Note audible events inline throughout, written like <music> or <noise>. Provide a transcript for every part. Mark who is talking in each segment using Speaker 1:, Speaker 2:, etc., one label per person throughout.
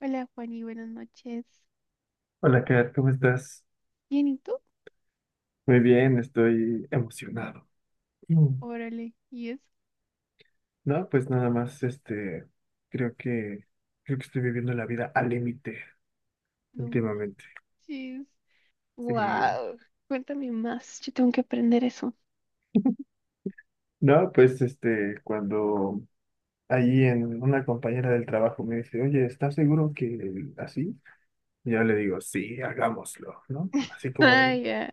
Speaker 1: Hola, Juani, buenas noches.
Speaker 2: Hola, Kat, ¿cómo estás?
Speaker 1: ¿Bien y tú?
Speaker 2: Muy bien, estoy emocionado. Mm.
Speaker 1: Órale, y eso,
Speaker 2: No, pues nada más, creo que, creo que estoy viviendo la vida al límite
Speaker 1: no
Speaker 2: últimamente.
Speaker 1: manches.
Speaker 2: Sí.
Speaker 1: Wow, cuéntame más, yo tengo que aprender eso.
Speaker 2: No, pues cuando allí en una compañera del trabajo me dice, oye, ¿estás seguro que así? Y yo le digo, sí, hagámoslo, ¿no? Así como
Speaker 1: Ah
Speaker 2: de,
Speaker 1: ya,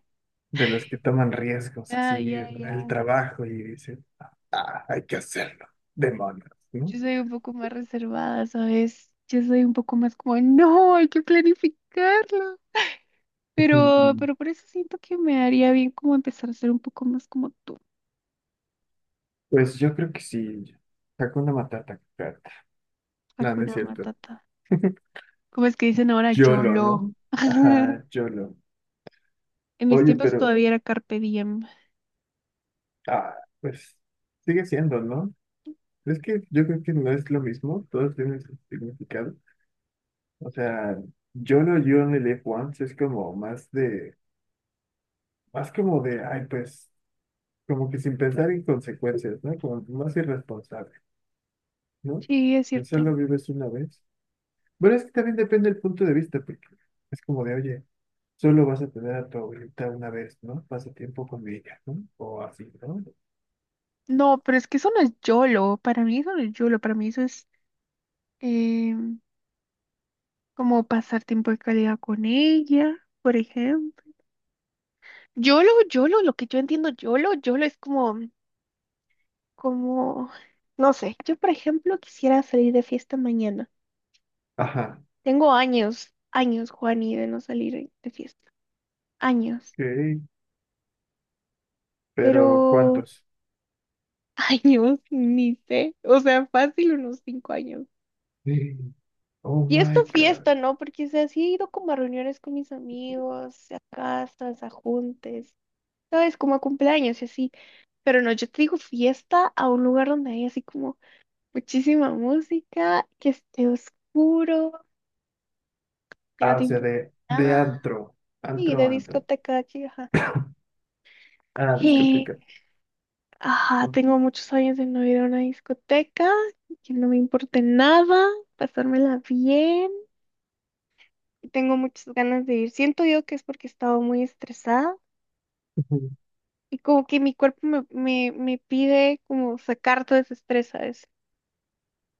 Speaker 2: de los que toman riesgos, así
Speaker 1: ya, ya,
Speaker 2: en el
Speaker 1: ya.
Speaker 2: trabajo y dicen, ah, hay que hacerlo, demonios, ¿no?
Speaker 1: Yo soy un poco más reservada, ¿sabes? Yo soy un poco más como, no, hay que planificarlo. Pero
Speaker 2: <laughs>
Speaker 1: por eso siento que me haría bien como empezar a ser un poco más como tú,
Speaker 2: Pues yo creo que sí. Hakuna Matata, cat. No, no es
Speaker 1: Hakuna
Speaker 2: cierto.
Speaker 1: Matata. ¿Cómo es que dicen ahora
Speaker 2: YOLO,
Speaker 1: YOLO?
Speaker 2: ¿no?
Speaker 1: <laughs>
Speaker 2: Ajá, YOLO.
Speaker 1: En mis
Speaker 2: Oye,
Speaker 1: tiempos
Speaker 2: pero,
Speaker 1: todavía era Carpe Diem.
Speaker 2: ah, pues sigue siendo, ¿no? Es que yo creo que no es lo mismo, todos tienen su significado. O sea, YOLO, You Only Live Once es como más de, más como de, ay, pues, como que sin pensar en consecuencias, ¿no? Como más irresponsable, ¿no?
Speaker 1: Sí, es
Speaker 2: El
Speaker 1: cierto.
Speaker 2: solo vives una vez. Bueno, es que también depende del punto de vista, porque es como de, oye, solo vas a tener a tu abuelita una vez, ¿no? Pasa tiempo con ella, ¿no? O así, ¿no?
Speaker 1: No, pero es que eso no es YOLO. Para mí eso no es YOLO. Para mí eso es em, como pasar tiempo de calidad con ella, por ejemplo. YOLO, YOLO, lo que yo entiendo YOLO, YOLO es como, no sé, yo por ejemplo quisiera salir de fiesta mañana.
Speaker 2: Ajá,
Speaker 1: Tengo años, años, Juani, de no salir de fiesta. Años,
Speaker 2: ok.
Speaker 1: pero
Speaker 2: Pero ¿cuántos?
Speaker 1: <laughs> años, ni sé. O sea, fácil unos 5 años.
Speaker 2: Sí. Oh
Speaker 1: Fiesta
Speaker 2: my God.
Speaker 1: fiesta, ¿no? Porque, o sea, sí he ido como a reuniones con mis amigos, a casas, a juntes, ¿sabes? Como a cumpleaños y así. Pero no, yo te digo fiesta a un lugar donde hay así como muchísima música, que esté oscuro, que no
Speaker 2: Ah,
Speaker 1: te
Speaker 2: o sea,
Speaker 1: importa.
Speaker 2: de antro.
Speaker 1: Y
Speaker 2: Antro,
Speaker 1: de
Speaker 2: antro.
Speaker 1: discoteca de aquí, ajá.
Speaker 2: Ah,
Speaker 1: Y,
Speaker 2: discoteca.
Speaker 1: ajá, tengo muchos años de no ir a una discoteca, que no me importe nada, pasármela bien. Y tengo muchas ganas de ir. Siento yo que es porque he estado muy estresada
Speaker 2: Ujú.
Speaker 1: y como que mi cuerpo me pide como sacar todo ese estrés, ¿sabes?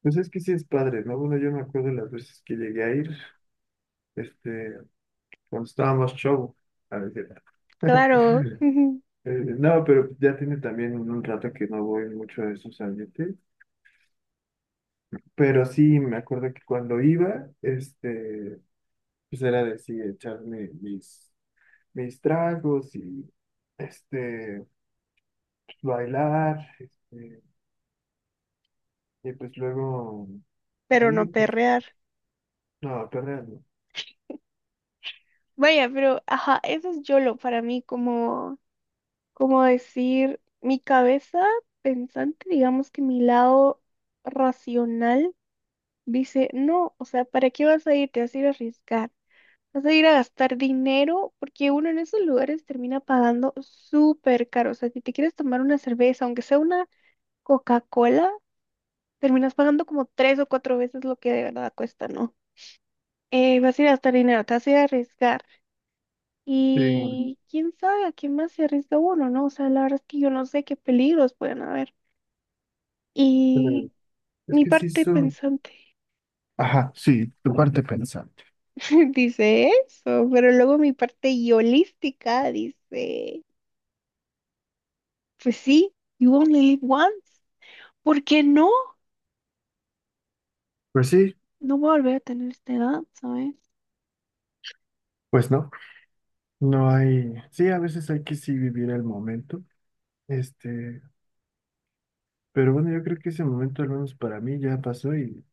Speaker 2: Pues es que sí es padre, ¿no? Bueno, yo me acuerdo las veces que llegué a ir, este, cuando estábamos show, a veces.
Speaker 1: Claro,
Speaker 2: <laughs>
Speaker 1: <laughs>
Speaker 2: Eh, no, pero ya tiene también un rato que no voy mucho a esos ambientes. Pero sí, me acuerdo que cuando iba, pues era de sí, echar mis, mis tragos y, este, bailar, y pues luego
Speaker 1: pero
Speaker 2: ahí,
Speaker 1: no
Speaker 2: pues,
Speaker 1: perrear.
Speaker 2: no, perder, no.
Speaker 1: Vaya, pero, ajá, eso es YOLO para mí, como, como decir, mi cabeza pensante, digamos que mi lado racional dice, no, o sea, ¿para qué vas a ir? Te vas a ir a arriesgar, vas a ir a gastar dinero, porque uno en esos lugares termina pagando súper caro. O sea, si te quieres tomar una cerveza, aunque sea una Coca-Cola, terminas pagando como 3 o 4 veces lo que de verdad cuesta, ¿no? Vas a ir a gastar dinero, te vas a ir a arriesgar.
Speaker 2: Sí,
Speaker 1: Y quién sabe a qué más se arriesga uno, ¿no? O sea, la verdad es que yo no sé qué peligros pueden haber.
Speaker 2: pero
Speaker 1: Y
Speaker 2: es
Speaker 1: mi
Speaker 2: que sí
Speaker 1: parte
Speaker 2: son.
Speaker 1: pensante.
Speaker 2: Ajá, sí, tu parte pensante.
Speaker 1: <laughs> Dice eso, pero luego mi parte yolística dice, pues sí, you only live once. ¿Por qué no?
Speaker 2: Pues sí,
Speaker 1: No voy a volver a tener esta edad, ¿sabes?
Speaker 2: pues no, no hay, sí, a veces hay que sí vivir el momento, este, pero bueno, yo creo que ese momento, al menos para mí, ya pasó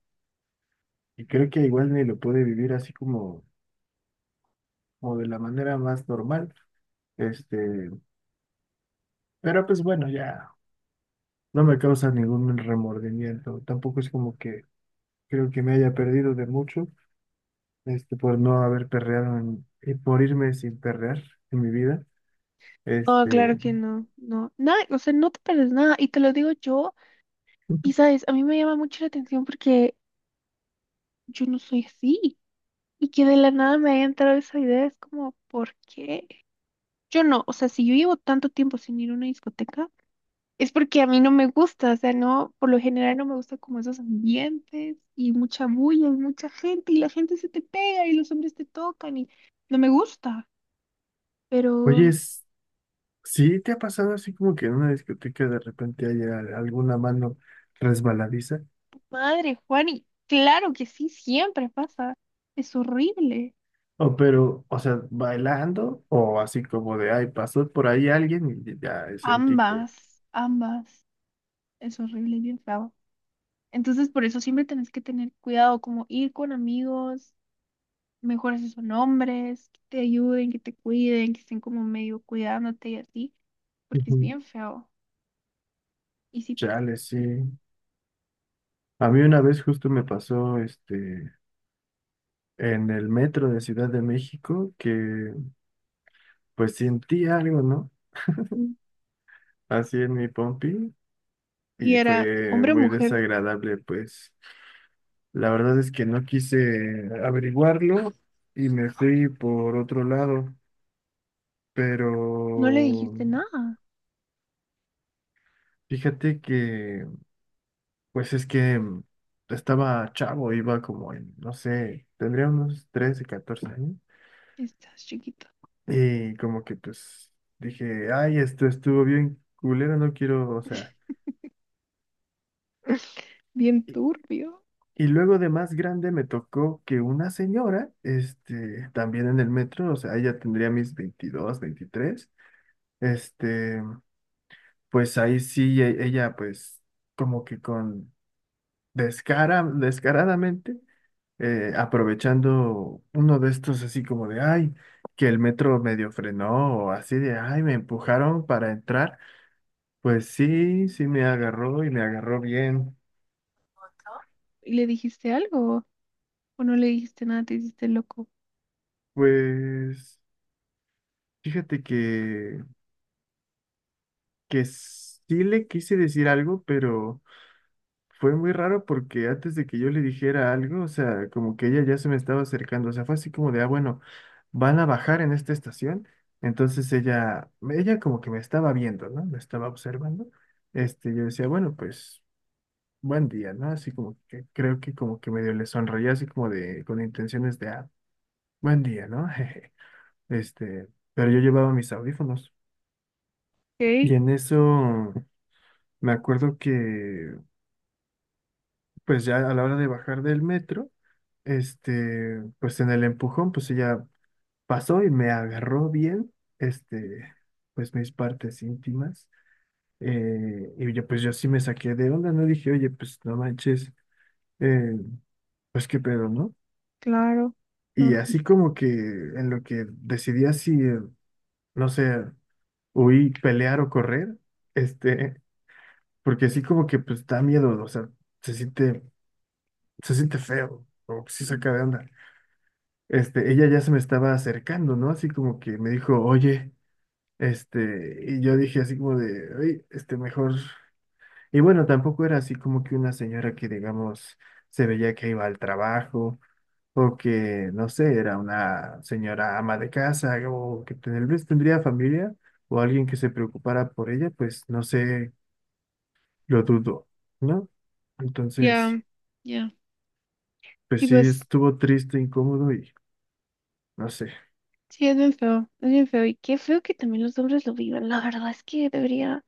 Speaker 2: y creo que igual ni lo pude vivir así como o de la manera más normal. Este, pero pues bueno, ya no me causa ningún remordimiento. Tampoco es como que creo que me haya perdido de mucho, por no haber perreado y por irme sin perrear en mi vida.
Speaker 1: No, claro
Speaker 2: Este,
Speaker 1: que no, no, nada, o sea, no te pierdes nada, y te lo digo yo, y sabes, a mí me llama mucho la atención porque yo no soy así, y que de la nada me haya entrado esa idea, es como, ¿por qué? Yo no, o sea, si yo llevo tanto tiempo sin ir a una discoteca, es porque a mí no me gusta, o sea, no, por lo general no me gusta como esos ambientes y mucha bulla y mucha gente y la gente se te pega y los hombres te tocan y no me gusta. Pero,
Speaker 2: oye, es, ¿sí te ha pasado así como que en una discoteca de repente haya alguna mano resbaladiza?
Speaker 1: madre, Juan, y claro que sí, siempre pasa. Es horrible.
Speaker 2: O pero, o sea, bailando o así como de, ay, pasó por ahí alguien y ya sentí que...
Speaker 1: Ambas, ambas. Es horrible y bien feo. Entonces, por eso siempre tenés que tener cuidado, como ir con amigos, mejores si son hombres, que te ayuden, que te cuiden, que estén como medio cuidándote y así, porque es
Speaker 2: Ujú.
Speaker 1: bien feo. Y sí,
Speaker 2: Chale, sí. A mí una vez justo me pasó en el metro de Ciudad de México que pues sentí algo, ¿no?
Speaker 1: mm,
Speaker 2: Así en mi pompi
Speaker 1: y
Speaker 2: y
Speaker 1: era
Speaker 2: fue
Speaker 1: hombre o
Speaker 2: muy
Speaker 1: mujer,
Speaker 2: desagradable, pues la verdad es que no quise averiguarlo y me fui por otro lado, pero
Speaker 1: no le dijiste nada.
Speaker 2: fíjate que pues es que mm, estaba chavo, iba como en, no sé, tendría unos 13, 14 años.
Speaker 1: Estás chiquito.
Speaker 2: Y como que pues dije, ay, esto estuvo bien culero, no quiero, o sea.
Speaker 1: <laughs> Bien
Speaker 2: Y,
Speaker 1: turbio.
Speaker 2: y luego de más grande me tocó que una señora, también en el metro, o sea, ella tendría mis veintidós, veintitrés. este, pues ahí sí, ella pues como que con descaradamente, aprovechando uno de estos así como de, ay, que el metro medio frenó o así de, ay, me empujaron para entrar. Pues sí, sí me agarró y me agarró bien.
Speaker 1: ¿Y le dijiste algo? ¿O no le dijiste nada? Te hiciste loco.
Speaker 2: Pues fíjate que sí le quise decir algo, pero fue muy raro porque antes de que yo le dijera algo, o sea, como que ella ya se me estaba acercando, o sea, fue así como de, ah, bueno, van a bajar en esta estación. Entonces ella como que me estaba viendo, ¿no? Me estaba observando. Yo decía, bueno, pues buen día, ¿no? Así como que creo que como que medio le sonreía así como de, con intenciones de, ah, buen día, ¿no? <laughs> Este, pero yo llevaba mis audífonos.
Speaker 1: Ok,
Speaker 2: Y en eso me acuerdo que, pues ya a la hora de bajar del metro, pues en el empujón, pues ella pasó y me agarró bien, este, pues mis partes íntimas. Y yo, pues yo sí me saqué de onda, ¿no? Dije, oye, pues no manches, eh, pues qué pedo, ¿no?
Speaker 1: claro.
Speaker 2: Y
Speaker 1: Normal.
Speaker 2: así como que en lo que decidía si, no sé, huir, pelear o correr, este, porque así como que pues da miedo, o sea, se siente, se siente feo, o sí saca de onda. Ella ya se me estaba acercando, ¿no? Así como que me dijo, oye, y yo dije así como de, oye, mejor. Y bueno, tampoco era así como que una señora que, digamos, se veía que iba al trabajo, o que, no sé, era una señora ama de casa, o que tal vez tendría familia, o alguien que se preocupara por ella, pues no sé, lo dudo, ¿no? Entonces.
Speaker 1: Ya, ya.
Speaker 2: Pues
Speaker 1: Y
Speaker 2: sí,
Speaker 1: pues,
Speaker 2: estuvo triste, incómodo y no sé.
Speaker 1: sí, es bien feo. Es bien feo. Y qué feo que también los hombres lo vivan. La verdad es que debería.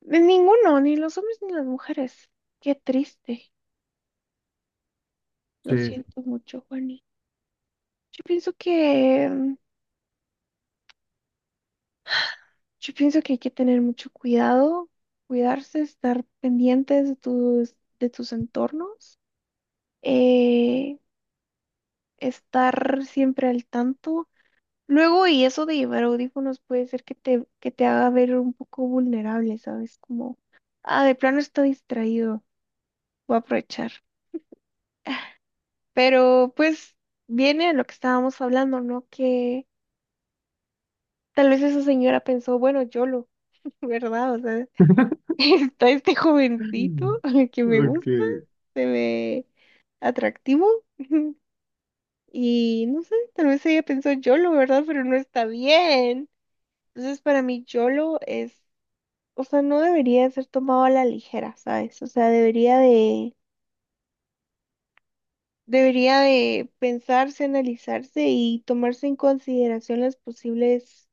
Speaker 1: De ninguno, ni los hombres ni las mujeres. Qué triste. Lo
Speaker 2: Sí.
Speaker 1: siento mucho, Juani. Yo pienso que, mm, yo pienso que hay que tener mucho cuidado, cuidarse, estar pendientes de de tus entornos, eh, estar siempre al tanto. Luego, y eso de llevar audífonos puede ser que te haga ver un poco vulnerable, ¿sabes? Como, ah, de plano estoy distraído, voy a aprovechar. Pero pues viene a lo que estábamos hablando, ¿no? Que tal vez esa señora pensó, bueno, YOLO, <laughs> ¿verdad? O sea, <laughs>
Speaker 2: <laughs>
Speaker 1: está este jovencito <laughs> que me
Speaker 2: Ok,
Speaker 1: gusta, se ve atractivo. <laughs> Y no sé, tal vez ella pensó YOLO, ¿verdad? Pero no está bien. Entonces, para mí, YOLO es, o sea, no debería ser tomado a la ligera, ¿sabes? O sea, debería de pensarse, analizarse y tomarse en consideración las posibles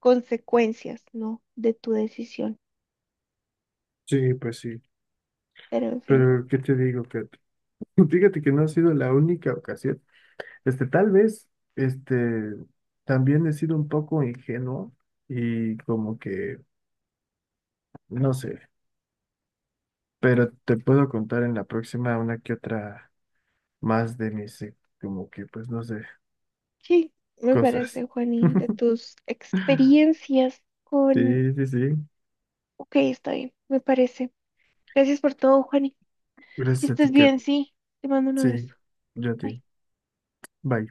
Speaker 1: consecuencias, ¿no? De tu decisión.
Speaker 2: sí, pues sí.
Speaker 1: Pero en fin.
Speaker 2: Pero, ¿qué te digo, Kat? <laughs> Fíjate que no ha sido la única ocasión. Tal vez, este, también he sido un poco ingenuo y como que, no sé, pero te puedo contar en la próxima una que otra más de mis, como que, pues no sé,
Speaker 1: Sí, me parece,
Speaker 2: cosas.
Speaker 1: Juani, de tus
Speaker 2: <laughs>
Speaker 1: experiencias con...
Speaker 2: Sí, sí, sí.
Speaker 1: Ok, está bien, me parece. Gracias por todo, Juani. Que
Speaker 2: Gracias a
Speaker 1: estés
Speaker 2: ti, Kat.
Speaker 1: bien, sí. Te mando un abrazo.
Speaker 2: Sí, yo a
Speaker 1: Bye.
Speaker 2: ti. Bye.